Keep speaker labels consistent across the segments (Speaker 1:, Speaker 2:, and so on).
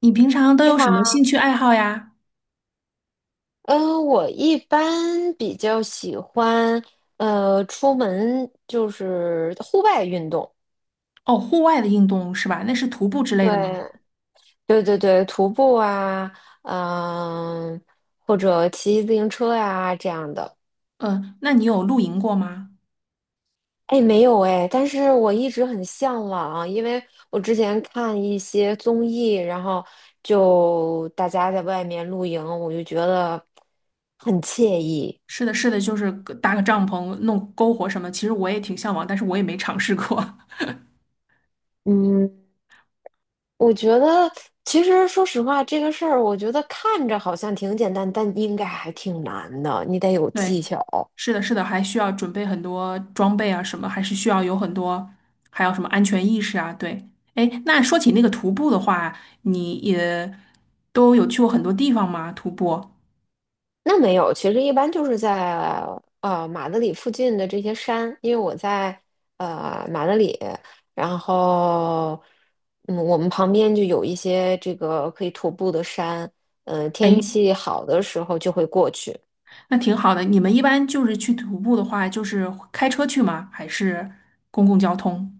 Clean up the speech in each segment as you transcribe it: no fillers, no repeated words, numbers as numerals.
Speaker 1: 你平常都
Speaker 2: 你
Speaker 1: 有什
Speaker 2: 好，
Speaker 1: 么兴趣爱好呀？
Speaker 2: 嗯，我一般比较喜欢，出门就是户外运动，
Speaker 1: 哦，户外的运动是吧？那是徒步之类的吗？
Speaker 2: 对，对对对，徒步啊，嗯、或者骑自行车呀、这样的。
Speaker 1: 那你有露营过吗？
Speaker 2: 哎，没有哎，但是我一直很向往，因为我之前看一些综艺，然后就大家在外面露营，我就觉得很惬意。
Speaker 1: 是的，是的，就是个搭个帐篷、弄篝火什么。其实我也挺向往，但是我也没尝试过。
Speaker 2: 嗯，我觉得，其实说实话，这个事儿，我觉得看着好像挺简单，但应该还挺难的，你得有 技
Speaker 1: 对，
Speaker 2: 巧。
Speaker 1: 是的，是的，还需要准备很多装备啊，什么还是需要有很多，还有什么安全意识啊？对，哎，那说起那个徒步的话，你也都有去过很多地方吗？徒步？
Speaker 2: 那没有，其实一般就是在马德里附近的这些山，因为我在马德里，然后我们旁边就有一些这个可以徒步的山，
Speaker 1: 哎，
Speaker 2: 天气好的时候就会过去。
Speaker 1: 那挺好的。你们一般就是去徒步的话，就是开车去吗？还是公共交通？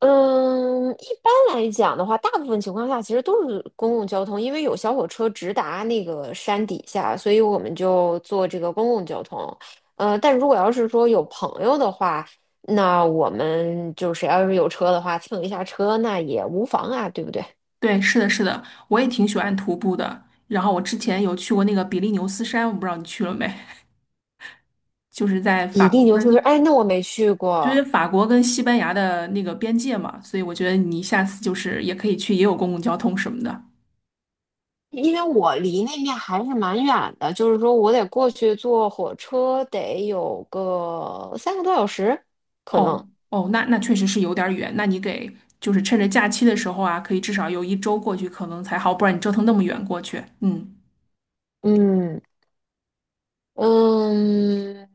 Speaker 2: 嗯，一般来讲的话，大部分情况下其实都是公共交通，因为有小火车直达那个山底下，所以我们就坐这个公共交通。但如果要是说有朋友的话，那我们就谁要是有车的话，蹭一下车那也无妨啊，对不对？
Speaker 1: 对，是的，是的，我也挺喜欢徒步的。然后我之前有去过那个比利牛斯山，我不知道你去了没，就是在
Speaker 2: 比
Speaker 1: 法
Speaker 2: 利
Speaker 1: 国
Speaker 2: 牛斯是，
Speaker 1: 跟
Speaker 2: 哎，那我没去
Speaker 1: 就
Speaker 2: 过，
Speaker 1: 是法国跟西班牙的那个边界嘛，所以我觉得你下次就是也可以去，也有公共交通什么的。
Speaker 2: 因为我离那面还是蛮远的，就是说我得过去坐火车，得有个三个多小时，可
Speaker 1: 哦
Speaker 2: 能，
Speaker 1: 哦，那那确实是有点儿远，那你给就是趁着假期的时候啊，可以至少有一周过去，可能才好，不然你折腾那么远过去，嗯。
Speaker 2: 嗯。嗯，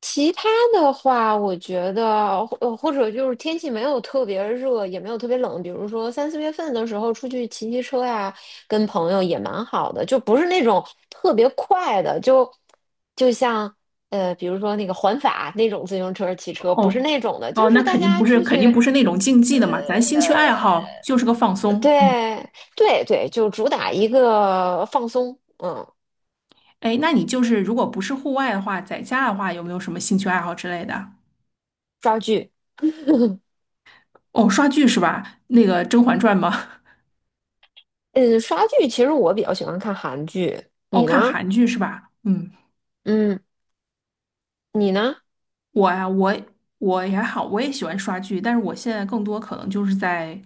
Speaker 2: 其他的话，我觉得，或者就是天气没有特别热，也没有特别冷，比如说三四月份的时候出去骑骑车呀，跟朋友也蛮好的，就不是那种特别快的，就像比如说那个环法那种自行车骑车，不
Speaker 1: 哦
Speaker 2: 是那种的，就
Speaker 1: 哦，那
Speaker 2: 是大
Speaker 1: 肯定
Speaker 2: 家
Speaker 1: 不是，
Speaker 2: 出
Speaker 1: 肯定不
Speaker 2: 去。
Speaker 1: 是那种竞技的嘛，咱兴趣爱好就是个放松。嗯，
Speaker 2: 对对对，就主打一个放松，嗯，
Speaker 1: 哎，那你就是如果不是户外的话，在家的话，有没有什么兴趣爱好之类的？
Speaker 2: 抓剧。
Speaker 1: 哦，刷剧是吧？那个《甄嬛传》吗？
Speaker 2: 嗯，刷剧其实我比较喜欢看韩剧，
Speaker 1: 哦，
Speaker 2: 你
Speaker 1: 看
Speaker 2: 呢？
Speaker 1: 韩剧是吧？嗯，
Speaker 2: 嗯，你呢？
Speaker 1: 我呀,我也还好，我也喜欢刷剧，但是我现在更多可能就是在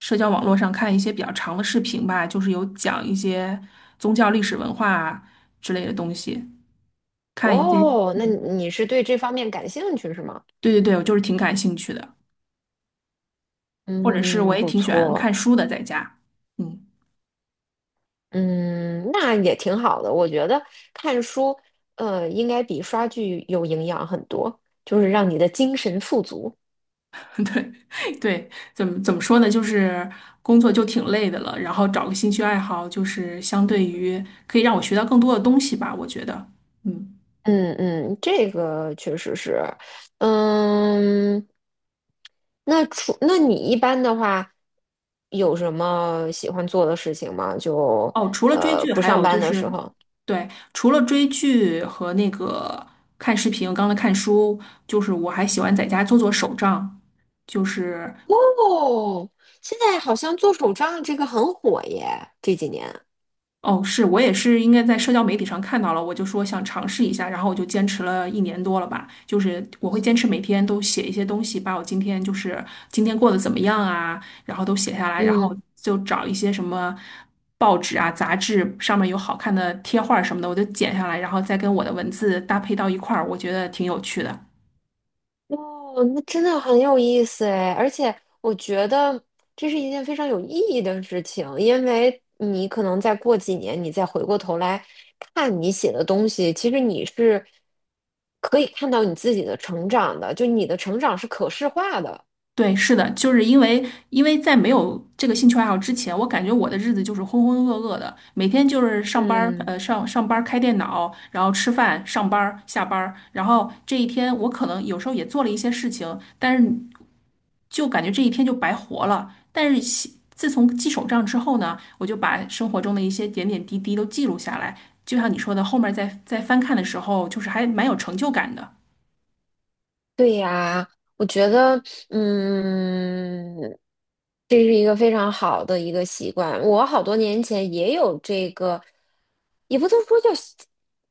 Speaker 1: 社交网络上看一些比较长的视频吧，就是有讲一些宗教历史文化啊之类的东西，看一些。
Speaker 2: 哦，那
Speaker 1: 嗯，
Speaker 2: 你是对这方面感兴趣是吗？
Speaker 1: 对对对，我就是挺感兴趣的。或者是我
Speaker 2: 嗯，
Speaker 1: 也
Speaker 2: 不
Speaker 1: 挺喜欢
Speaker 2: 错，
Speaker 1: 看书的，在家。嗯，
Speaker 2: 嗯，那也挺好的。我觉得看书，应该比刷剧有营养很多，就是让你的精神富足。
Speaker 1: 对对，怎么说呢？就是工作就挺累的了，然后找个兴趣爱好，就是相对于可以让我学到更多的东西吧，我觉得。嗯，
Speaker 2: 嗯嗯，这个确实是，嗯，那你一般的话，有什么喜欢做的事情吗？
Speaker 1: 哦，除了追剧，
Speaker 2: 不
Speaker 1: 还
Speaker 2: 上
Speaker 1: 有就
Speaker 2: 班的时
Speaker 1: 是，
Speaker 2: 候。
Speaker 1: 对，除了追剧和那个看视频，刚才看书，就是我还喜欢在家做做手账，就是。
Speaker 2: 哦，现在好像做手账这个很火耶，这几年。
Speaker 1: 哦，是我也是，应该在社交媒体上看到了，我就说想尝试一下，然后我就坚持了一年多了吧。就是我会坚持每天都写一些东西，把我今天就是今天过得怎么样啊，然后都写下来，然后
Speaker 2: 嗯。
Speaker 1: 就找一些什么报纸啊、杂志上面有好看的贴画什么的，我就剪下来，然后再跟我的文字搭配到一块儿，我觉得挺有趣的。
Speaker 2: 哦，那真的很有意思哎，而且我觉得这是一件非常有意义的事情，因为你可能再过几年，你再回过头来看你写的东西，其实你是可以看到你自己的成长的，就你的成长是可视化的。
Speaker 1: 对，是的，就是因为在没有这个兴趣爱好之前，我感觉我的日子就是浑浑噩噩的，每天就是上班儿，
Speaker 2: 嗯。
Speaker 1: 上班儿开电脑，然后吃饭，上班儿下班儿，然后这一天我可能有时候也做了一些事情，但是就感觉这一天就白活了。但是西自从记手账之后呢，我就把生活中的一些点点滴滴都记录下来，就像你说的，后面再翻看的时候，就是还蛮有成就感的。
Speaker 2: 对呀，我觉得，嗯，这是一个非常好的一个习惯。我好多年前也有这个，也不能说叫记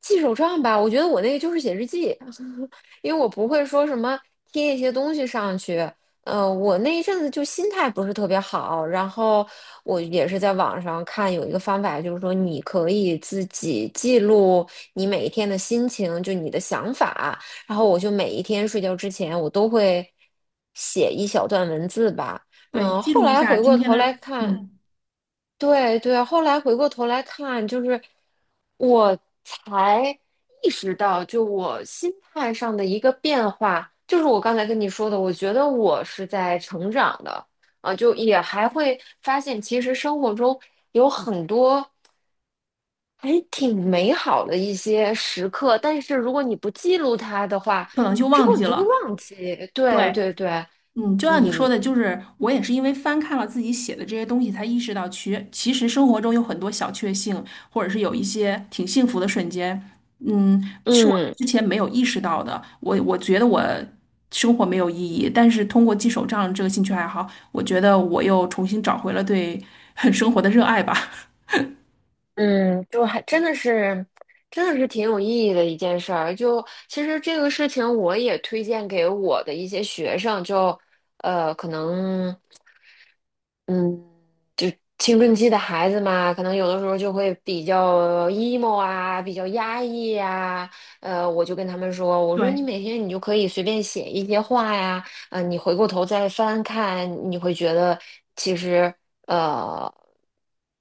Speaker 2: 记手账吧，我觉得我那个就是写日记，因为我不会说什么贴一些东西上去。我那一阵子就心态不是特别好，然后我也是在网上看有一个方法，就是说你可以自己记录你每一天的心情，就你的想法。然后我就每一天睡觉之前，我都会写一小段文字吧。
Speaker 1: 对，
Speaker 2: 嗯，
Speaker 1: 记
Speaker 2: 后
Speaker 1: 录一
Speaker 2: 来
Speaker 1: 下
Speaker 2: 回
Speaker 1: 今
Speaker 2: 过
Speaker 1: 天
Speaker 2: 头
Speaker 1: 的，
Speaker 2: 来看，
Speaker 1: 嗯，
Speaker 2: 对对，后来回过头来看，就是我才意识到，就我心态上的一个变化，就是我刚才跟你说的，我觉得我是在成长的啊，就也还会发现，其实生活中有很多。还挺美好的一些时刻，但是如果你不记录它的话，
Speaker 1: 可能就
Speaker 2: 之
Speaker 1: 忘
Speaker 2: 后你
Speaker 1: 记
Speaker 2: 就会
Speaker 1: 了。
Speaker 2: 忘记。对
Speaker 1: 对，
Speaker 2: 对对，
Speaker 1: 嗯，就像你说
Speaker 2: 嗯
Speaker 1: 的，就是我也是因为翻看了自己写的这些东西，才意识到其实生活中有很多小确幸，或者是有一些挺幸福的瞬间，嗯，是我
Speaker 2: 嗯
Speaker 1: 之前没有意识到的。我觉得我生活没有意义，但是通过记手账这个兴趣爱好，我觉得我又重新找回了对 生活的热爱吧。
Speaker 2: 嗯，就还真的是，真的是挺有意义的一件事儿。就其实这个事情，我也推荐给我的一些学生，可能。嗯，就青春期的孩子嘛，可能有的时候就会比较 emo 啊，比较压抑呀、我就跟他们说，我说
Speaker 1: 对
Speaker 2: 你每天你就可以随便写一些话呀，你回过头再翻看，你会觉得其实呃，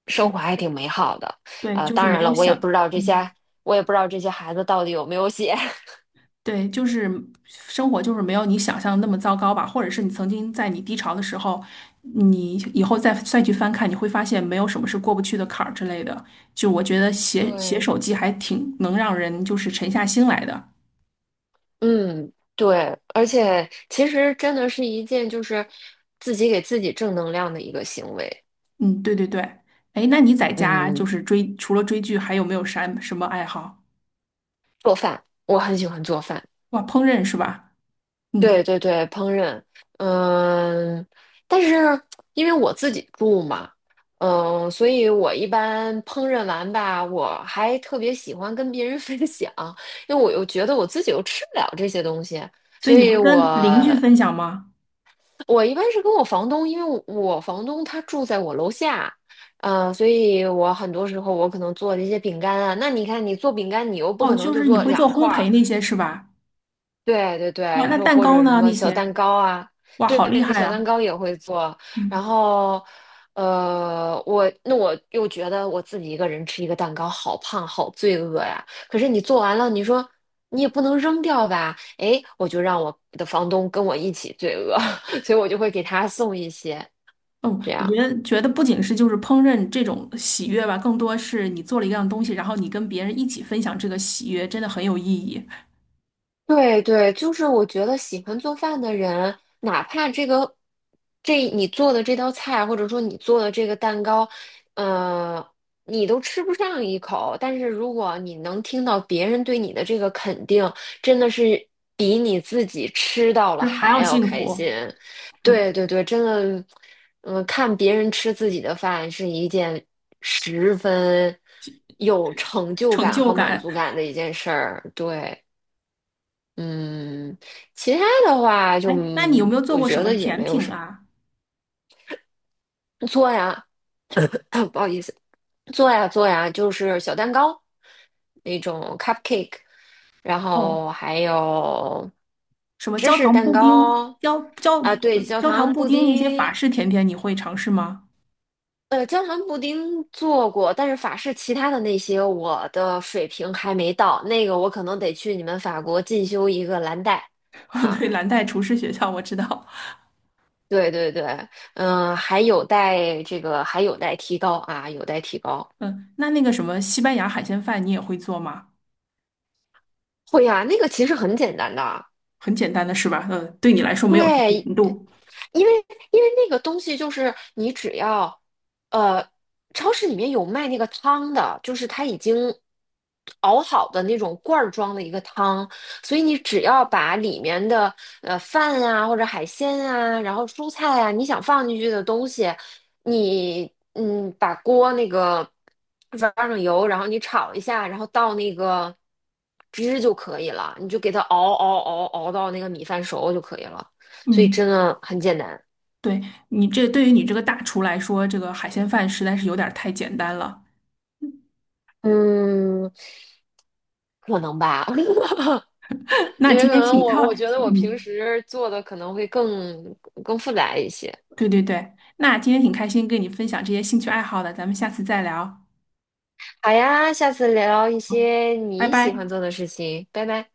Speaker 2: 生活还挺美好的。
Speaker 1: 对，就是
Speaker 2: 当
Speaker 1: 没
Speaker 2: 然了，
Speaker 1: 有
Speaker 2: 我也不
Speaker 1: 想。
Speaker 2: 知道这
Speaker 1: 嗯
Speaker 2: 些，我也不知道这些孩子到底有没有写。
Speaker 1: 对，生活就是没有你想象的那么糟糕吧，或者是你曾经在你低潮的时候，你以后再去翻看，你会发现没有什么是过不去的坎儿之类的。就我觉得写写
Speaker 2: 对，
Speaker 1: 手记还挺能让人就是沉下心来的。
Speaker 2: 嗯，对，而且其实真的是一件就是自己给自己正能量的一个行为。
Speaker 1: 嗯，对对对。哎，那你在家就
Speaker 2: 嗯，
Speaker 1: 是追，除了追剧，还有没有啥什么爱好？
Speaker 2: 做饭，我很喜欢做饭。
Speaker 1: 哇，烹饪是吧？
Speaker 2: 对
Speaker 1: 嗯，
Speaker 2: 对对，烹饪。嗯，但是因为我自己住嘛，嗯，所以我一般烹饪完吧，我还特别喜欢跟别人 分享，因为我又觉得我自己又吃不了这些东西，
Speaker 1: 所
Speaker 2: 所
Speaker 1: 以你
Speaker 2: 以
Speaker 1: 会
Speaker 2: 我
Speaker 1: 跟邻居分享吗？
Speaker 2: 我一般是跟我房东，因为我房东他住在我楼下，所以我很多时候我可能做的一些饼干啊，那你看你做饼干，你又不
Speaker 1: 哦，
Speaker 2: 可能
Speaker 1: 就
Speaker 2: 就
Speaker 1: 是你
Speaker 2: 做
Speaker 1: 会做
Speaker 2: 两
Speaker 1: 烘
Speaker 2: 块儿，
Speaker 1: 焙那些是吧？
Speaker 2: 对对
Speaker 1: 哇，
Speaker 2: 对，
Speaker 1: 那
Speaker 2: 就
Speaker 1: 蛋
Speaker 2: 或
Speaker 1: 糕
Speaker 2: 者什
Speaker 1: 呢？
Speaker 2: 么
Speaker 1: 那
Speaker 2: 小
Speaker 1: 些，
Speaker 2: 蛋糕啊，
Speaker 1: 哇，
Speaker 2: 对，
Speaker 1: 好厉害
Speaker 2: 小蛋糕
Speaker 1: 啊！
Speaker 2: 也会做。然
Speaker 1: 嗯。
Speaker 2: 后，我那我又觉得我自己一个人吃一个蛋糕好胖，好罪恶呀。可是你做完了，你说你也不能扔掉吧？哎，我就让我的房东跟我一起罪恶，所以我就会给他送一些
Speaker 1: 嗯，
Speaker 2: 这
Speaker 1: 我觉
Speaker 2: 样。
Speaker 1: 得觉得不仅是就是烹饪这种喜悦吧，更多是你做了一样东西，然后你跟别人一起分享这个喜悦，真的很有意义，
Speaker 2: 对对，就是我觉得喜欢做饭的人，哪怕这个这你做的这道菜，或者说你做的这个蛋糕，呃，你都吃不上一口，但是如果你能听到别人对你的这个肯定，真的是比你自己吃到了
Speaker 1: 就是还
Speaker 2: 还
Speaker 1: 要
Speaker 2: 要
Speaker 1: 幸
Speaker 2: 开心。
Speaker 1: 福，嗯，
Speaker 2: 对对对，真的，嗯、看别人吃自己的饭是一件十分有成就
Speaker 1: 成
Speaker 2: 感
Speaker 1: 就
Speaker 2: 和满
Speaker 1: 感。
Speaker 2: 足感的一件事儿。对。嗯，其他的话就，
Speaker 1: 哎，那你有没
Speaker 2: 嗯
Speaker 1: 有做
Speaker 2: 我
Speaker 1: 过什
Speaker 2: 觉
Speaker 1: 么
Speaker 2: 得也
Speaker 1: 甜
Speaker 2: 没有
Speaker 1: 品
Speaker 2: 什
Speaker 1: 啊？
Speaker 2: 么做呀，不好意思，做呀做呀，就是小蛋糕那种 cupcake，然
Speaker 1: 哦，
Speaker 2: 后还有
Speaker 1: 什么
Speaker 2: 芝
Speaker 1: 焦
Speaker 2: 士
Speaker 1: 糖
Speaker 2: 蛋
Speaker 1: 布丁、
Speaker 2: 糕啊，对，焦
Speaker 1: 焦糖
Speaker 2: 糖
Speaker 1: 布
Speaker 2: 布
Speaker 1: 丁那些法
Speaker 2: 丁，
Speaker 1: 式甜点，你会尝试吗？
Speaker 2: 焦糖布丁做过，但是法式其他的那些我的水平还没到，那个我可能得去你们法国进修一个蓝带。啊。
Speaker 1: 对，蓝带厨师学校我知道。
Speaker 2: 对对对，嗯、还有待提高啊，有待提高。
Speaker 1: 嗯，那那个什么西班牙海鲜饭你也会做吗？
Speaker 2: 会呀、那个其实很简单的，
Speaker 1: 很简单的是吧？嗯，对你来说没有什么
Speaker 2: 对，
Speaker 1: 难度。
Speaker 2: 因为因为那个东西就是你只要，呃，超市里面有卖那个汤的，就是它已经熬好的那种罐儿装的一个汤，所以你只要把里面的饭啊或者海鲜啊，然后蔬菜啊，你想放进去的东西，你嗯把锅那个放上油，然后你炒一下，然后倒那个汁就可以了，你就给它熬到那个米饭熟就可以了。所以真
Speaker 1: 嗯。
Speaker 2: 的很简单。
Speaker 1: 对你这对于你这个大厨来说，这个海鲜饭实在是有点儿太简单了。
Speaker 2: 嗯，可能吧，
Speaker 1: 那
Speaker 2: 因为
Speaker 1: 今
Speaker 2: 可
Speaker 1: 天
Speaker 2: 能
Speaker 1: 挺高，
Speaker 2: 我觉得我平
Speaker 1: 嗯，
Speaker 2: 时做的可能会更复杂一些。
Speaker 1: 对对对，那今天挺开心跟你分享这些兴趣爱好的，咱们下次再聊，
Speaker 2: 好呀，下次聊一
Speaker 1: 好，
Speaker 2: 些
Speaker 1: 拜
Speaker 2: 你喜欢
Speaker 1: 拜。
Speaker 2: 做的事情，拜拜。